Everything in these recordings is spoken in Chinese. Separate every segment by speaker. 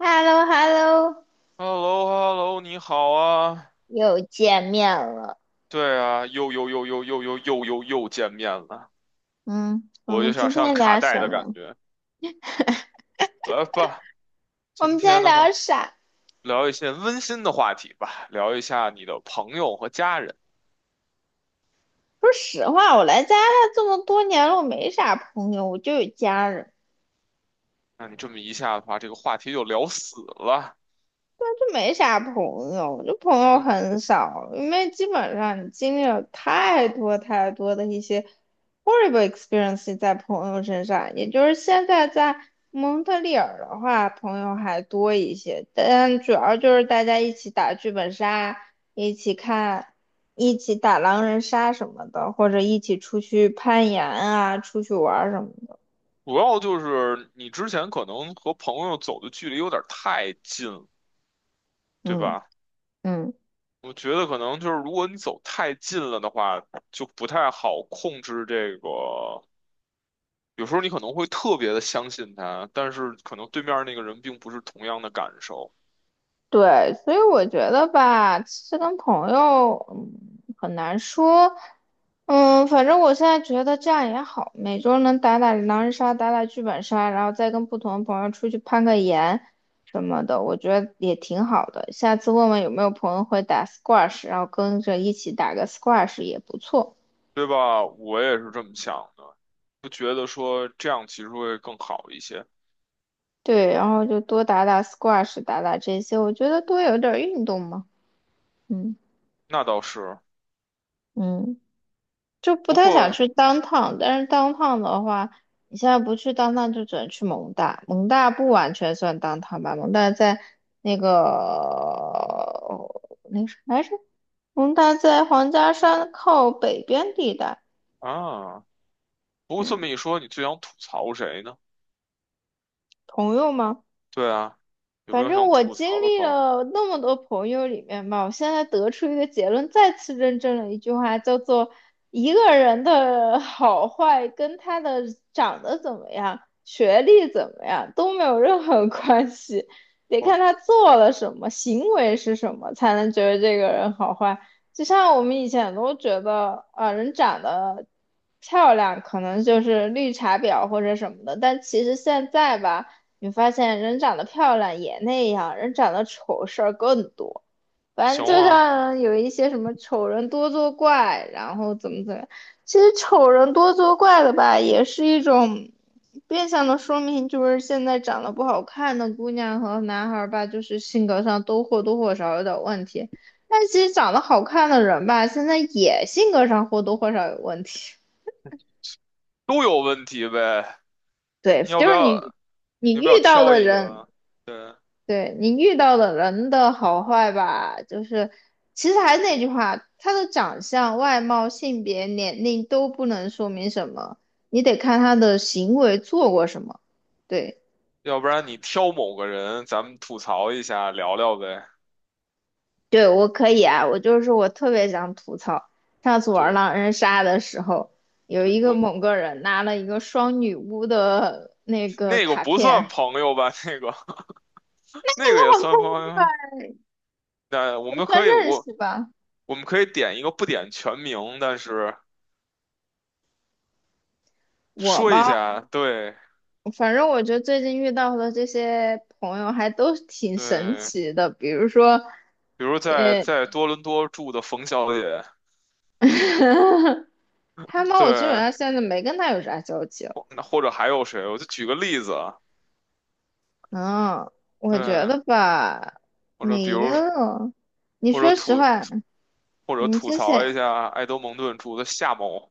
Speaker 1: h e l l o h e l l o
Speaker 2: h e l l o h e l l o 你好啊！
Speaker 1: 又见面了。
Speaker 2: 对啊，又又又又又又又又又见面了，
Speaker 1: 嗯，我
Speaker 2: 我就
Speaker 1: 们
Speaker 2: 想
Speaker 1: 今
Speaker 2: 上
Speaker 1: 天
Speaker 2: 卡
Speaker 1: 聊
Speaker 2: 带
Speaker 1: 什
Speaker 2: 的感
Speaker 1: 么？
Speaker 2: 觉。来吧，
Speaker 1: 我
Speaker 2: 今
Speaker 1: 们今
Speaker 2: 天
Speaker 1: 天
Speaker 2: 的话
Speaker 1: 聊啥？
Speaker 2: 聊一些温馨的话题吧，聊一下你的朋友和家人。
Speaker 1: 说实话，我来加拿大这么多年了，我没啥朋友，我就有家人。
Speaker 2: 那你这么一下的话，这个话题就聊死了。
Speaker 1: 就没啥朋友，就朋友
Speaker 2: 嗯，
Speaker 1: 很少，因为基本上你经历了太多的一些 horrible experience 在朋友身上，也就是现在在蒙特利尔的话，朋友还多一些，但主要就是大家一起打剧本杀，一起看，一起打狼人杀什么的，或者一起出去攀岩啊，出去玩儿什么的。
Speaker 2: 主要就是你之前可能和朋友走的距离有点太近了，对
Speaker 1: 嗯
Speaker 2: 吧？
Speaker 1: 嗯。
Speaker 2: 我觉得可能就是如果你走太近了的话，就不太好控制这个。有时候你可能会特别的相信他，但是可能对面那个人并不是同样的感受，
Speaker 1: 对，所以我觉得吧，其实跟朋友，很难说。嗯，反正我现在觉得这样也好，每周能打打狼人杀，打打剧本杀，然后再跟不同的朋友出去攀个岩什么的，我觉得也挺好的。下次问问有没有朋友会打 squash，然后跟着一起打个 squash 也不错。
Speaker 2: 对吧？我也是这么想的，不觉得说这样其实会更好一些。
Speaker 1: 对，然后就多打打 squash，打打这些，我觉得多有点儿运动嘛。嗯
Speaker 2: 那倒是，
Speaker 1: 嗯。就不
Speaker 2: 不
Speaker 1: 太想
Speaker 2: 过
Speaker 1: 去当趟，但是当趟的话，你现在不去当趟，就只能去蒙大，蒙大不完全算当趟吧，蒙大在那个那个什么来着？蒙大在皇家山靠北边地带。
Speaker 2: 啊，不过这
Speaker 1: 嗯，
Speaker 2: 么一说，你最想吐槽谁呢？
Speaker 1: 朋友吗？
Speaker 2: 对啊，有没
Speaker 1: 反
Speaker 2: 有
Speaker 1: 正
Speaker 2: 想
Speaker 1: 我
Speaker 2: 吐
Speaker 1: 经
Speaker 2: 槽的
Speaker 1: 历
Speaker 2: 朋友？
Speaker 1: 了那么多朋友里面吧，我现在得出一个结论，再次认证了一句话，叫做一个人的好坏跟他的长得怎么样、学历怎么样都没有任何关系，得
Speaker 2: 哦，
Speaker 1: 看他做了什么，行为是什么，才能觉得这个人好坏。就像我们以前都觉得啊，人长得漂亮可能就是绿茶婊或者什么的，但其实现在吧。你发现人长得漂亮也那样，人长得丑事儿更多。反正
Speaker 2: 行
Speaker 1: 就
Speaker 2: 啊，
Speaker 1: 像有一些什么丑人多作怪，然后怎么怎么样，其实丑人多作怪的吧，也是一种变相的说明，就是现在长得不好看的姑娘和男孩儿吧，就是性格上都或多或少有点问题。但其实长得好看的人吧，现在也性格上或多或少有问题。
Speaker 2: 都有问题呗。
Speaker 1: 对，
Speaker 2: 你要不
Speaker 1: 就是
Speaker 2: 要？
Speaker 1: 你，
Speaker 2: 你
Speaker 1: 你
Speaker 2: 要不要
Speaker 1: 遇到
Speaker 2: 挑
Speaker 1: 的
Speaker 2: 一
Speaker 1: 人，
Speaker 2: 个？对，
Speaker 1: 对你遇到的人的好坏吧，就是其实还是那句话，他的长相、外貌、性别、年龄都不能说明什么，你得看他的行为做过什么。对，
Speaker 2: 要不然你挑某个人，咱们吐槽一下，聊聊呗。
Speaker 1: 对我可以啊，我就是我特别想吐槽，上次玩
Speaker 2: 对。
Speaker 1: 狼人杀的时候，有
Speaker 2: 对，
Speaker 1: 一个
Speaker 2: 我
Speaker 1: 某个人拿了一个双女巫的那个
Speaker 2: 那个
Speaker 1: 卡
Speaker 2: 不算
Speaker 1: 片。
Speaker 2: 朋友吧？那个 那个也算朋 友。那我
Speaker 1: 也
Speaker 2: 们
Speaker 1: 算
Speaker 2: 可以，
Speaker 1: 认
Speaker 2: 我
Speaker 1: 识吧，
Speaker 2: 我们可以点一个不点全名，但是
Speaker 1: 我
Speaker 2: 说一
Speaker 1: 吧。
Speaker 2: 下，对
Speaker 1: 反正我觉得最近遇到的这些朋友还都挺神
Speaker 2: 对，
Speaker 1: 奇的，比如说
Speaker 2: 比如在多伦多住的冯小姐，
Speaker 1: 他们，我基本
Speaker 2: 对，
Speaker 1: 上现在没跟他有啥交集了。
Speaker 2: 或者还有谁？我就举个例子啊，
Speaker 1: 嗯，我觉
Speaker 2: 对，
Speaker 1: 得吧，
Speaker 2: 或者比
Speaker 1: 没
Speaker 2: 如
Speaker 1: 有。你
Speaker 2: 或者
Speaker 1: 说实
Speaker 2: 吐
Speaker 1: 话，
Speaker 2: 或者
Speaker 1: 你
Speaker 2: 吐
Speaker 1: 之
Speaker 2: 槽一
Speaker 1: 前
Speaker 2: 下埃德蒙顿住的夏某，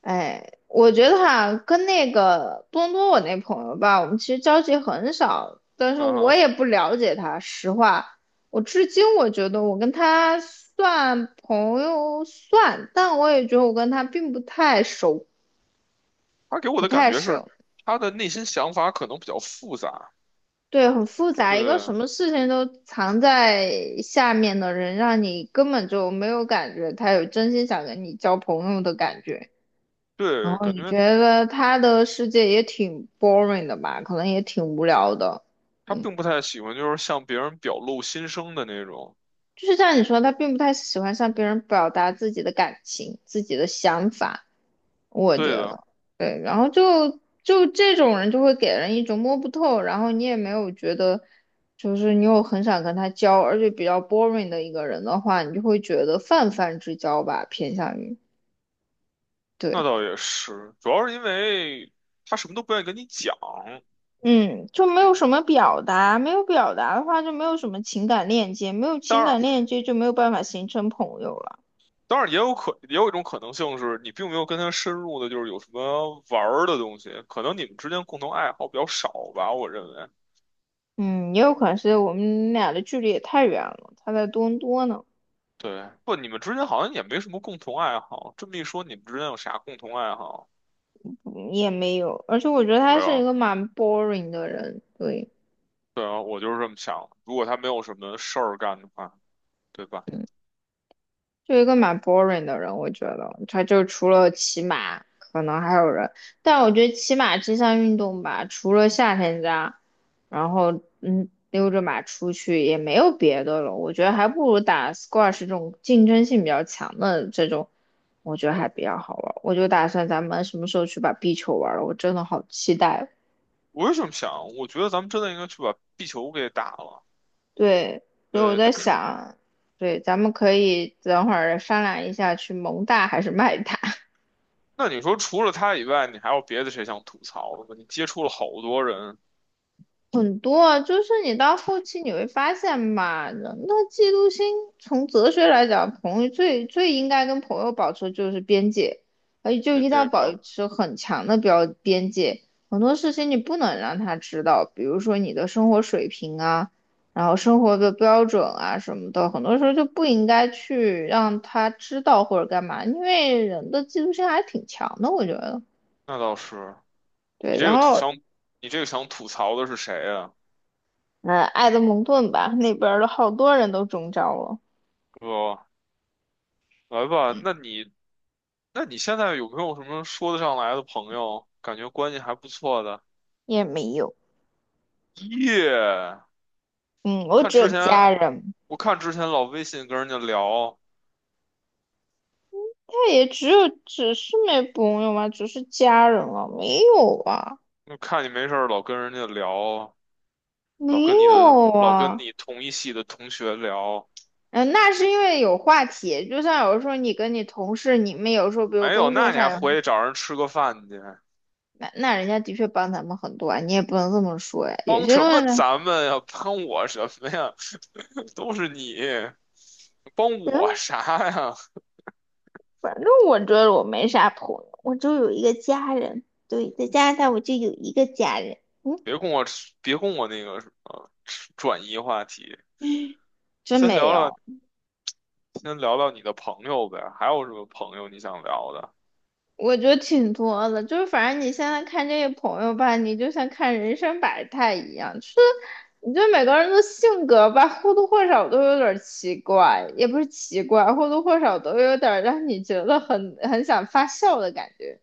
Speaker 1: 哎，我觉得哈，跟那个多伦多我那朋友吧，我们其实交集很少，但是
Speaker 2: 嗯
Speaker 1: 我
Speaker 2: 哼，
Speaker 1: 也不了解他。实话，我至今我觉得我跟他算朋友算，但我也觉得我跟他并不太熟，
Speaker 2: 他给我
Speaker 1: 不
Speaker 2: 的感
Speaker 1: 太
Speaker 2: 觉是
Speaker 1: 熟。
Speaker 2: 他的内心想法可能比较复杂，
Speaker 1: 对，很复杂，一个
Speaker 2: 对
Speaker 1: 什么事情都藏在下面的人，让你根本就没有感觉他有真心想跟你交朋友的感觉。然
Speaker 2: 对，
Speaker 1: 后
Speaker 2: 感
Speaker 1: 你
Speaker 2: 觉。
Speaker 1: 觉得他的世界也挺 boring 的吧，可能也挺无聊的。
Speaker 2: 他
Speaker 1: 嗯，
Speaker 2: 并不太喜欢就是向别人表露心声的那种。
Speaker 1: 就是像你说，他并不太喜欢向别人表达自己的感情、自己的想法，我觉
Speaker 2: 对的，
Speaker 1: 得。对，然后就这种人就会给人一种摸不透，然后你也没有觉得，就是你有很想跟他交，而且比较 boring 的一个人的话，你就会觉得泛泛之交吧，偏向于。
Speaker 2: 那
Speaker 1: 对。
Speaker 2: 倒也是，主要是因为他什么都不愿意跟你讲。
Speaker 1: 嗯，就没
Speaker 2: 嗯，
Speaker 1: 有什么表达，没有表达的话就没有什么情感链接，没有
Speaker 2: 当
Speaker 1: 情
Speaker 2: 然，
Speaker 1: 感链接就没有办法形成朋友了。
Speaker 2: 当然也有可也有一种可能性是你并没有跟他深入的，就是有什么玩儿的东西，可能你们之间共同爱好比较少吧，我认为。
Speaker 1: 嗯，也有可能是我们俩的距离也太远了，他在多伦多呢。
Speaker 2: 对，不，你们之间好像也没什么共同爱好。这么一说，你们之间有啥共同爱好？
Speaker 1: 嗯也没有，而且我觉得他
Speaker 2: 没
Speaker 1: 是一
Speaker 2: 有。
Speaker 1: 个蛮 boring 的人。对，
Speaker 2: 对啊，我就是这么想。如果他没有什么事儿干的话，对吧？
Speaker 1: 嗯就一个蛮 boring 的人，我觉得他就除了骑马，可能还有人，但我觉得骑马这项运动吧，除了夏天家，然后溜着马出去也没有别的了，我觉得还不如打 squash 这种竞争性比较强的这种，我觉得还比较好玩。我就打算咱们什么时候去把壁球玩了，我真的好期待哦。
Speaker 2: 我是这么想，我觉得咱们真的应该去把壁球给打了。
Speaker 1: 对，所以我
Speaker 2: 对，
Speaker 1: 在
Speaker 2: 但是
Speaker 1: 想，对，咱们可以等会儿商量一下去蒙大还是麦大。
Speaker 2: 那你说除了他以外，你还有别的谁想吐槽的吗？你接触了好多人，
Speaker 1: 很多啊，就是你到后期你会发现吧，人的嫉妒心从哲学来讲，朋友最最应该跟朋友保持就是边界，而且就一
Speaker 2: 跟
Speaker 1: 定要
Speaker 2: 这
Speaker 1: 保
Speaker 2: 个
Speaker 1: 持很强的标边界，很多事情你不能让他知道，比如说你的生活水平啊，然后生活的标准啊什么的，很多时候就不应该去让他知道或者干嘛，因为人的嫉妒心还挺强的，我觉得。
Speaker 2: 那倒是，你
Speaker 1: 对，
Speaker 2: 这
Speaker 1: 然
Speaker 2: 个吐
Speaker 1: 后
Speaker 2: 想，你这个想吐槽的是谁啊？
Speaker 1: 嗯，埃德蒙顿吧，那边儿的好多人都中招了，
Speaker 2: 哥，来吧，那你现在有没有什么说得上来的朋友？感觉关系还不错的。
Speaker 1: 也没有。
Speaker 2: 耶，
Speaker 1: 嗯，
Speaker 2: 我
Speaker 1: 我
Speaker 2: 看
Speaker 1: 只有
Speaker 2: 之
Speaker 1: 家
Speaker 2: 前
Speaker 1: 人，
Speaker 2: 我看之前老微信跟人家聊，
Speaker 1: 但也只有只是没朋友嘛，只是家人了，没有啊，
Speaker 2: 就看你没事儿老跟人家聊，老
Speaker 1: 没
Speaker 2: 跟你的
Speaker 1: 有
Speaker 2: 老跟
Speaker 1: 啊。
Speaker 2: 你同一系的同学聊，
Speaker 1: 嗯、那是因为有话题，就像有时候你跟你同事，你们有时候比如
Speaker 2: 没有，
Speaker 1: 工作
Speaker 2: 那你还
Speaker 1: 上有
Speaker 2: 回去找人吃个饭去？
Speaker 1: 那那人家的确帮咱们很多啊，你也不能这么说呀。有
Speaker 2: 帮
Speaker 1: 些
Speaker 2: 什
Speaker 1: 东
Speaker 2: 么
Speaker 1: 西呢，
Speaker 2: 咱们呀？帮我什么呀？都是你，帮我
Speaker 1: 行，
Speaker 2: 啥呀？
Speaker 1: 反正我觉得我没啥朋友，我就有一个家人，对，在加拿大我就有一个家人，嗯，
Speaker 2: 别跟我那个什么吃转移话题，
Speaker 1: 真
Speaker 2: 先
Speaker 1: 没
Speaker 2: 聊聊
Speaker 1: 有。
Speaker 2: 先聊聊你的朋友呗，还有什么朋友你想聊的？
Speaker 1: 我觉得挺多的，就是反正你现在看这些朋友吧，你就像看人生百态一样，就是你觉得每个人的性格吧，或多或少都有点儿奇怪，也不是奇怪，或多或少都有点儿让你觉得很想发笑的感觉。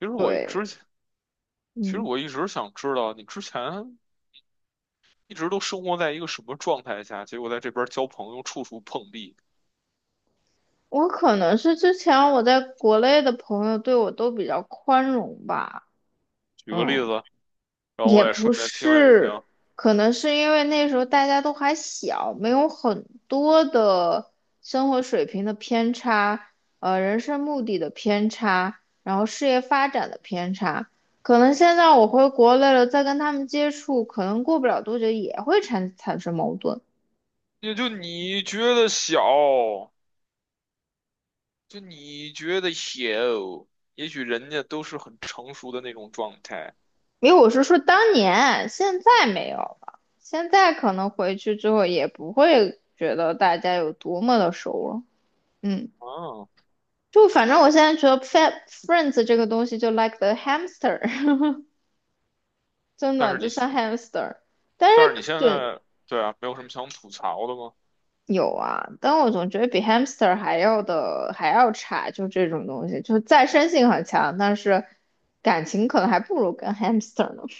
Speaker 2: 其实我
Speaker 1: 对，
Speaker 2: 之前其实
Speaker 1: 嗯，
Speaker 2: 我一直想知道你之前一直都生活在一个什么状态下，结果在这边交朋友处处碰壁。
Speaker 1: 我可能是之前我在国内的朋友对我都比较宽容吧。
Speaker 2: 举个例
Speaker 1: 嗯，
Speaker 2: 子。然后
Speaker 1: 也
Speaker 2: 我也
Speaker 1: 不
Speaker 2: 顺便听了一
Speaker 1: 是，
Speaker 2: 听。
Speaker 1: 可能是因为那时候大家都还小，没有很多的生活水平的偏差，人生目的的偏差，然后事业发展的偏差。可能现在我回国内了，再跟他们接触，可能过不了多久也会产生矛盾。
Speaker 2: 也就你觉得小，就你觉得小，也许人家都是很成熟的那种状态
Speaker 1: 因为我是说当年，现在没有了，现在可能回去之后也不会觉得大家有多么的熟了。嗯。
Speaker 2: 啊。
Speaker 1: 就反正我现在觉得 Friends 这个东西就 like the hamster，真
Speaker 2: 但
Speaker 1: 的
Speaker 2: 是你，
Speaker 1: 就像 hamster。但是
Speaker 2: 但是你现
Speaker 1: 就
Speaker 2: 在，对啊，没有什么想吐槽的吗？
Speaker 1: 有啊，但我总觉得比 hamster 还要差，就这种东西，就是再生性很强，但是感情可能还不如跟 hamster 呢。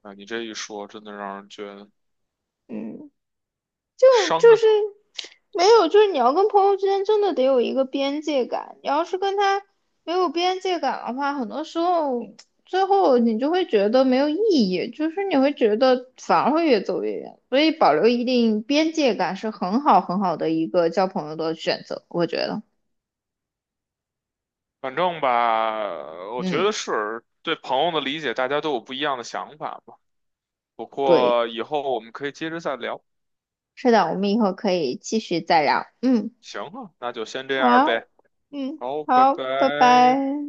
Speaker 2: 啊，你这一说，真的让人觉得
Speaker 1: 嗯。就
Speaker 2: 伤
Speaker 1: 就
Speaker 2: 感。
Speaker 1: 是没有，就是你要跟朋友之间真的得有一个边界感。你要是跟他没有边界感的话，很多时候最后你就会觉得没有意义，就是你会觉得反而会越走越远。所以保留一定边界感是很好的一个交朋友的选择，我觉得。
Speaker 2: 反正吧，我觉
Speaker 1: 嗯，
Speaker 2: 得是对朋友的理解，大家都有不一样的想法吧。不
Speaker 1: 对，
Speaker 2: 过以后我们可以接着再聊。
Speaker 1: 是的，我们以后可以继续再聊。嗯，
Speaker 2: 行啊，那就先这样
Speaker 1: 好，
Speaker 2: 呗。
Speaker 1: 嗯，
Speaker 2: 好，拜
Speaker 1: 好，拜
Speaker 2: 拜。
Speaker 1: 拜。